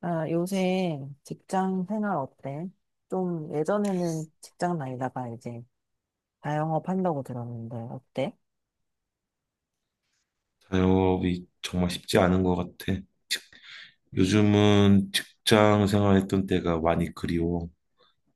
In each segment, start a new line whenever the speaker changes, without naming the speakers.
아, 요새 직장 생활 어때? 좀 예전에는 직장 다니다가 이제 자영업 한다고 들었는데 어때?
자영업이 정말 쉽지 않은 것 같아. 요즘은 직장 생활했던 때가 많이 그리워.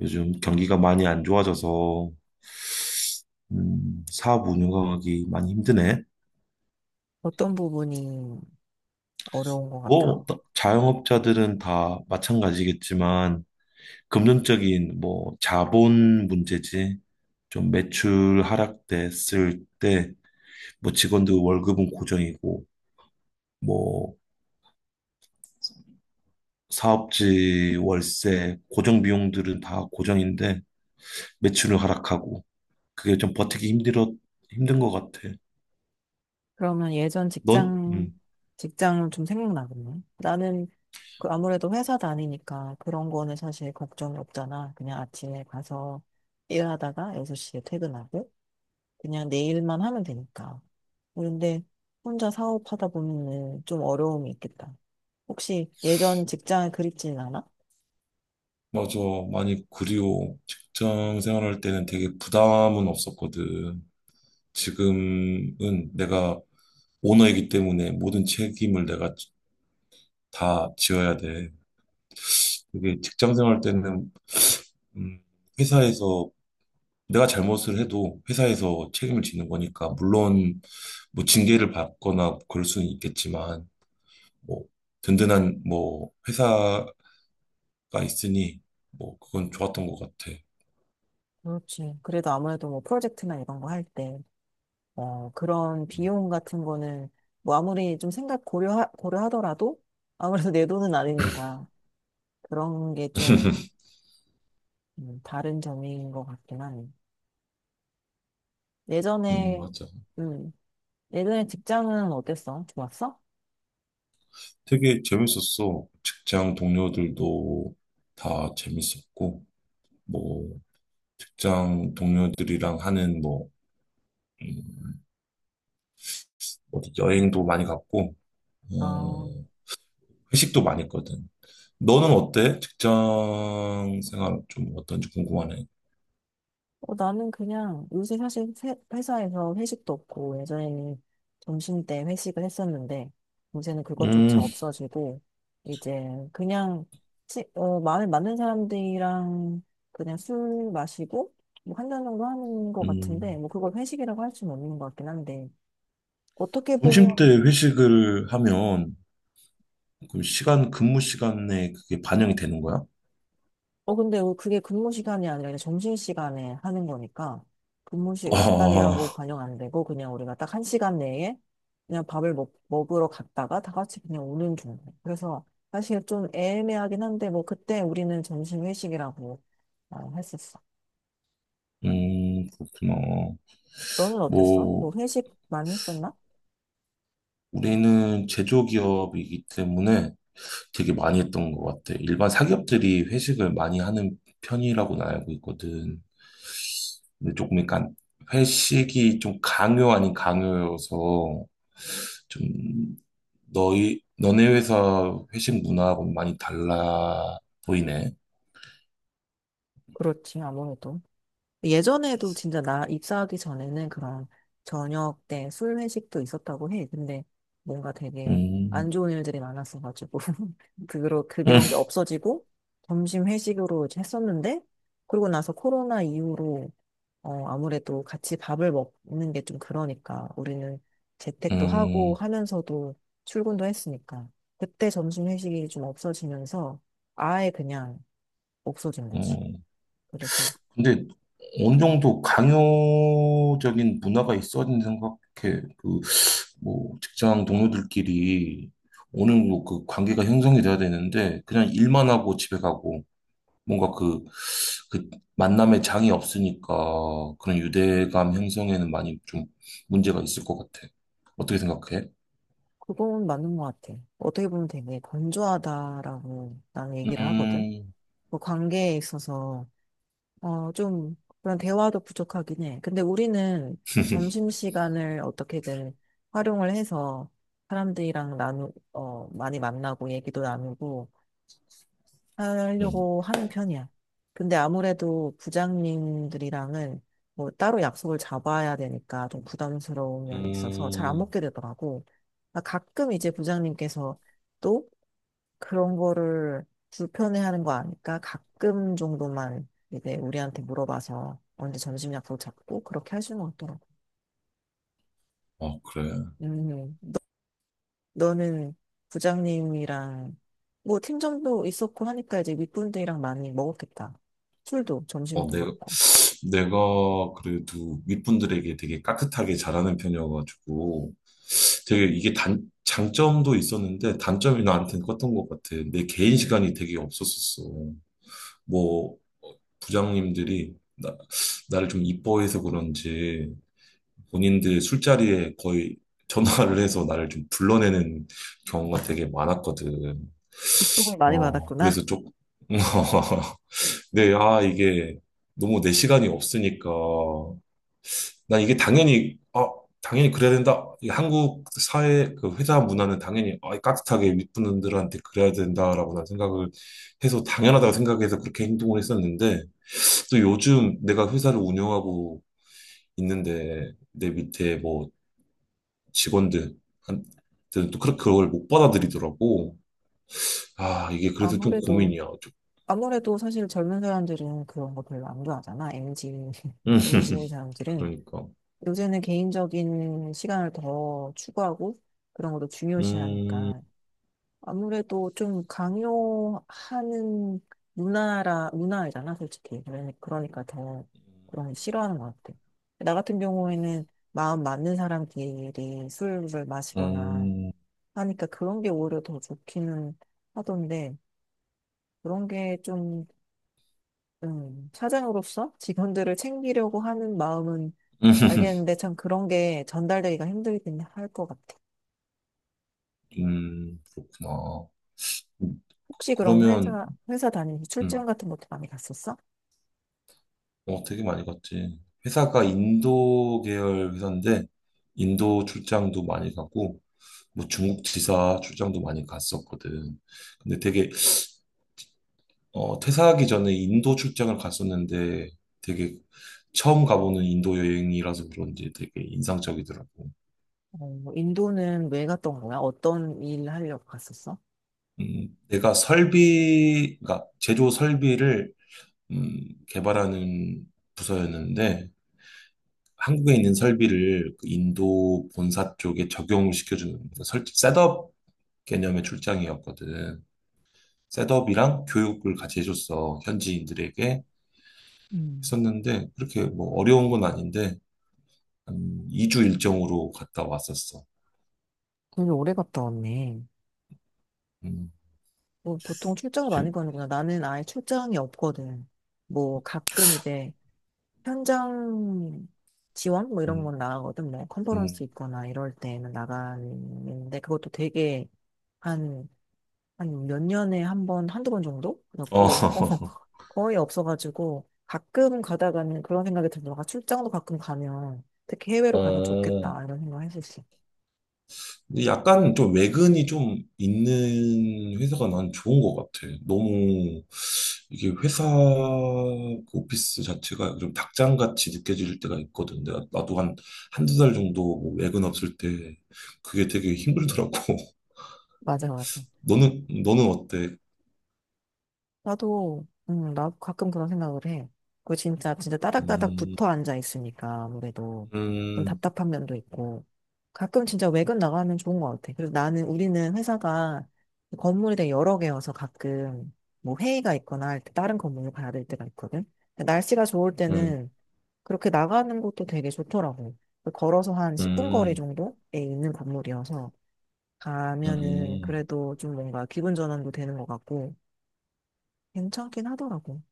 요즘 경기가 많이 안 좋아져서 사업 운영하기 많이 힘드네.
어떤 부분이 어려운 것 같아?
뭐 또 자영업자들은 다 마찬가지겠지만 금전적인 뭐 자본 문제지. 좀 매출 하락됐을 때 뭐 직원들 월급은 고정이고 뭐 사업지 월세 고정 비용들은 다 고정인데 매출을 하락하고 그게 좀 버티기 힘들어 힘든 것 같아.
그러면
넌? 음.
직장 좀 생각나겠네. 나는 그 아무래도 회사 다니니까 그런 거는 사실 걱정이 없잖아. 그냥 아침에 가서 일하다가 6시에 퇴근하고 그냥 내 일만 하면 되니까. 그런데 혼자 사업하다 보면은 좀 어려움이 있겠다. 혹시 예전 직장을 그립지는 않아?
맞아. 많이 그리워. 직장 생활할 때는 되게 부담은 없었거든. 지금은 내가 오너이기 때문에 모든 책임을 내가 다 지어야 돼. 그게 직장 생활 때는, 음, 회사에서 내가 잘못을 해도 회사에서 책임을 지는 거니까, 물론 뭐 징계를 받거나 그럴 수는 있겠지만, 뭐 든든한 뭐 회사 가 있으니 뭐 그건 좋았던 것 같아.
그렇지. 그래도 아무래도 뭐 프로젝트나 이런 거 할 때, 어, 그런
음,
비용 같은 거는 뭐 아무리 좀 고려하더라도 아무래도 내 돈은 아니니까 그런 게좀 다른 점인 것 같긴 하네. 예전에,
맞아.
음, 예전에 직장은 어땠어? 좋았어?
되게 재밌었어. 직장 동료들도 다 재밌었고, 뭐, 직장 동료들이랑 하는 뭐, 음, 어디 여행도 많이 갔고,
아,
어, 회식도 많이 했거든. 너는 어때? 직장 생활 좀 어떤지 궁금하네.
나는 그냥 요새 사실 회사에서 회식도 없고 예전에는 점심때 회식을 했었는데 요새는
음,
그것조차 없어지고 이제 그냥 마음에 맞는 사람들이랑 그냥 술 마시고 뭐 한 잔 정도 하는 것 같은데
음.
뭐 그걸 회식이라고 할 수는 없는 것 같긴 한데 어떻게 보면
점심 때 회식을 하면, 그 시간, 근무 시간에 그게 반영이 되는 거야?
근데 그게 근무 시간이 아니라 그냥 점심 시간에 하는 거니까 근무 시간이라고
아,
반영 안 되고 그냥 우리가 딱 한 시간 내에 그냥 밥을 먹으러 갔다가 다 같이 그냥 오는 중 그래서 사실 좀 애매하긴 한데 뭐 그때 우리는 점심 회식이라고 했었어.
그렇구나.
너는 어땠어? 뭐
뭐,
회식 많이 했었나?
우리는 제조기업이기 때문에 되게 많이 했던 것 같아. 일반 사기업들이 회식을 많이 하는 편이라고는 알고 있거든. 근데 조금 약간 회식이 좀 강요 아닌 강요여서 좀 너네 회사 회식 문화하고 많이 달라 보이네.
그렇지, 아무래도. 예전에도 진짜 나 입사하기 전에는 그런 저녁 때 술 회식도 있었다고 해. 근데 뭔가 되게 안
음,
좋은 일들이 많았어가지고 그로 그게
음,
없어지고 점심 회식으로 이제 했었는데 그러고 나서 코로나 이후로 아무래도 같이 밥을 먹는 게 좀 그러니까 우리는 재택도 하고
음,
하면서도 출근도 했으니까 그때 점심 회식이 좀 없어지면서 아예 그냥 없어진 거지.
음.
그래서
근데 어느 정도 강요적인 문화가 있어야 된다고 생각해. 그 뭐 직장 동료들끼리 오는 뭐그 관계가 형성이 돼야 되는데 그냥 일만 하고 집에 가고 뭔가 그 만남에 장이 없으니까 그런 유대감 형성에는 많이 좀 문제가 있을 것 같아. 어떻게 생각해?
그건 맞는 것 같아. 어떻게 보면 되게 건조하다라고 나는 얘기를 하거든.
음,
뭐 관계에 있어서, 좀 그런 대화도 부족하긴 해. 근데 우리는 점심시간을 어떻게든 활용을 해서 사람들이랑 많이 만나고 얘기도 나누고
음,
하려고 하는 편이야. 근데 아무래도 부장님들이랑은 뭐 따로 약속을 잡아야 되니까 좀 부담스러운 면이 있어서 잘 안
음.
먹게 되더라고. 아, 가끔 이제 부장님께서 또 그런 거를 불편해하는 거 아니까 가끔 정도만 이제 우리한테 물어봐서 언제 점심 약속 잡고 그렇게 하시는 것 같더라고.
아, 그래.
음, 너는 부장님이랑 뭐 팀장도 있었고 하니까 이제 윗분들이랑 많이 먹었겠다. 술도
어,
점심도
내가,
그렇고.
내가 그래도 윗분들에게 되게 깍듯하게 잘하는 편이어가지고, 되게 이게 장점도 있었는데 단점이 나한테는 컸던 것 같아. 내 개인 시간이 되게 없었었어. 뭐 부장님들이 나를 좀 이뻐해서 그런지 본인들 술자리에 거의 전화를 해서 나를 좀 불러내는 경우가 되게 많았거든.
조금 많이 받았구나.
그래서 조금, 네, 아, 이게 너무 내 시간이 없으니까 난 이게 당연히 그래야 된다. 이 한국 사회, 그 회사 문화는 당연히 깍듯하게 윗분들한테 그래야 된다라고 난 생각을 해서 당연하다고 생각해서 그렇게 행동을 했었는데, 또 요즘 내가 회사를 운영하고 있는데, 내 밑에 뭐 직원들한테는 또 그렇게 그걸 못 받아들이더라고. 아, 이게 그래서 좀
아무래도
고민이야. 좀.
아무래도 사실 젊은 사람들은 그런 거 별로 안 좋아하잖아. MZ
음,
MZ 사람들은
그러니까.
요새는 개인적인 시간을 더 추구하고 그런 것도
음,
중요시하니까 아무래도 좀 강요하는 문화이잖아, 솔직히. 그러니까 더 그런 거 싫어하는 것 같아. 나 같은 경우에는 마음 맞는 사람끼리 술을 마시거나
음,
하니까 그런 게 오히려 더 좋기는 하던데, 그런 게 좀, 사장으로서 직원들을 챙기려고 하는 마음은 알겠는데, 참 그런 게 전달되기가 힘들긴 할 것 같아.
그렇구나.
혹시 그럼
그러면,
회사 다니면서
음,
출장 같은 것도 많이 갔었어?
되게 많이 갔지. 회사가 인도 계열 회사인데, 인도 출장도 많이 가고, 뭐 중국 지사 출장도 많이 갔었거든. 근데 되게, 퇴사하기 전에 인도 출장을 갔었는데, 되게 처음 가보는 인도 여행이라서 그런지 되게 인상적이더라고.
인도는 왜 갔던 거야? 어떤 일 하려고 갔었어?
내가 그 제조 설비를, 개발하는 부서였는데, 한국에 있는 설비를 그 인도 본사 쪽에 적용을 시켜주는 그 설 셋업 개념의 출장이었거든. 셋업이랑 교육을 같이 해줬어. 현지인들에게
음.
했었는데 그렇게 뭐 어려운 건 아닌데 한 2주 일정으로 갔다 왔었어.
되게 오래 갔다 왔네.
음,
뭐 보통 출장을
재-
많이 가는구나. 나는 아예 출장이 없거든. 뭐 가끔 이제 현장 지원 뭐 이런
음,
건 나가거든. 뭐 컨퍼런스
음.
있거나 이럴 때는 나가는데 그것도 되게 한, 한 몇 년에 한 번, 한두 번 정도?
어,
그렇고 거의 없어가지고 가끔 가다가는 그런 생각이 들더라고. 아, 출장도 가끔 가면 특히 해외로 가면
어,
좋겠다 이런 생각 했었어.
근데 약간 좀 외근이 좀 있는 회사가 난 좋은 것 같아. 너무 이게 회사 그 오피스 자체가 좀 닭장같이 느껴질 때가 있거든. 내가 나도 한 한두 달 정도 뭐 외근 없을 때 그게 되게 힘들더라고.
맞아, 맞아.
너는 어때?
나도, 나 가끔 그런 생각을 해. 그 진짜, 진짜 따닥따닥
음,
붙어 앉아 있으니까 아무래도 좀
음,
답답한 면도 있고. 가끔 진짜 외근 나가면 좋은 것 같아. 그래서 우리는 회사가 건물이 되게 여러 개여서 가끔 뭐 회의가 있거나 할 때 다른 건물로 가야 될 때가 있거든. 근데 날씨가 좋을
음,
때는 그렇게 나가는 것도 되게 좋더라고. 그 걸어서 한 10분 거리
음,
정도에 있는 건물이어서 가면은
음,
그래도 좀 뭔가 기분 전환도 되는 것 같고. 괜찮긴 하더라고.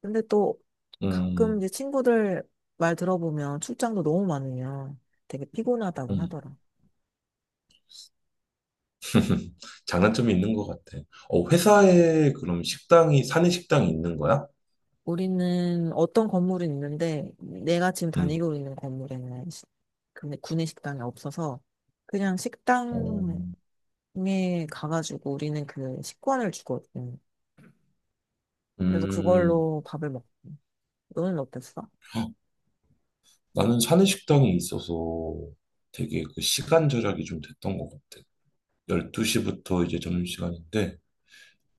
근데 또 가끔
음,
이제 친구들 말 들어보면 출장도 너무 많으면 되게 피곤하다고
음.
하더라.
장단점이 있는 것 같아. 회사에 그럼 식당이 사내 식당이 있는 거야?
우리는 어떤 건물이 있는데 내가 지금
음.
다니고 있는 건물에는 근데 구내 식당이 없어서 그냥
어,
식당에 가가지고 우리는 그 식권을 주거든. 그래서
음,
그걸로 밥을 먹. 너는 어땠어?
헉, 나는 사내식당이 있어서 되게 그 시간 절약이 좀 됐던 것 같아. 12시부터 이제 점심시간인데,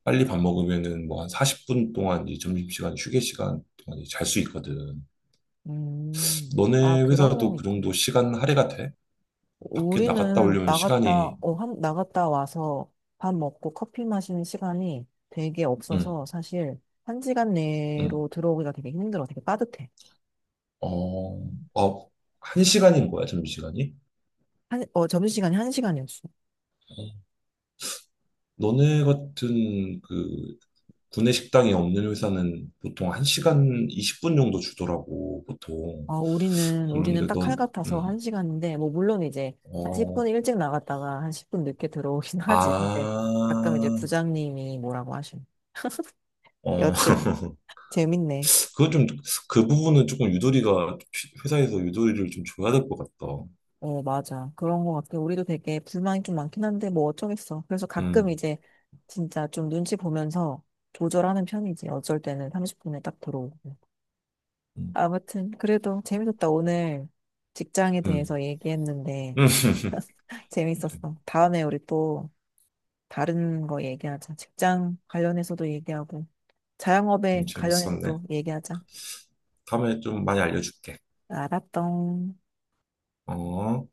빨리 밥 먹으면은 뭐 한 40분 동안 이 점심시간, 휴게 시간 동안 잘 수 있거든.
음. 아,
너네
그런
회사도
면이
그
있구
정도 시간 할애가 돼? 밖에 나갔다
우리는
오려면
나갔다,
시간이,
어, 한, 나갔다 와서 밥 먹고 커피 마시는 시간이 되게
응,
없어서 사실 한 시간
응,
내로 들어오기가 되게 힘들어. 되게 빠듯해.
어,
음.
어, 한 시간인 거야, 점심시간이?
점심시간이 한 시간이었어.
어, 너네 같은 그 구내 식당이 없는 회사는 보통 1시간 20분 정도 주더라고, 보통.
우리는
그런데
딱 칼
넌,
같아서 한
음,
시간인데, 뭐, 물론 이제 한 10분
어,
일찍 나갔다가 한 10분 늦게 들어오긴 하지. 근데 가끔 이제
아,
부장님이 뭐라고 하시네.
어,
여튼, 재밌네.
그건 좀, 그 부분은 조금 유도리가, 회사에서 유도리를 좀 줘야 될 것 같다.
어, 맞아. 그런 것 같아. 우리도 되게 불만이 좀 많긴 한데, 뭐 어쩌겠어. 그래서 가끔
음,
이제 진짜 좀 눈치 보면서 조절하는 편이지. 어쩔 때는 30분에 딱 들어오고.
음,
아무튼, 그래도 재밌었다. 오늘 직장에
음.
대해서 얘기했는데,
그래.
재밌었어. 다음에 우리 또 다른 거 얘기하자. 직장 관련해서도 얘기하고, 자영업에
재밌었네.
관련해서도 얘기하자.
다음에 좀 많이 알려줄게.
알았던.
어.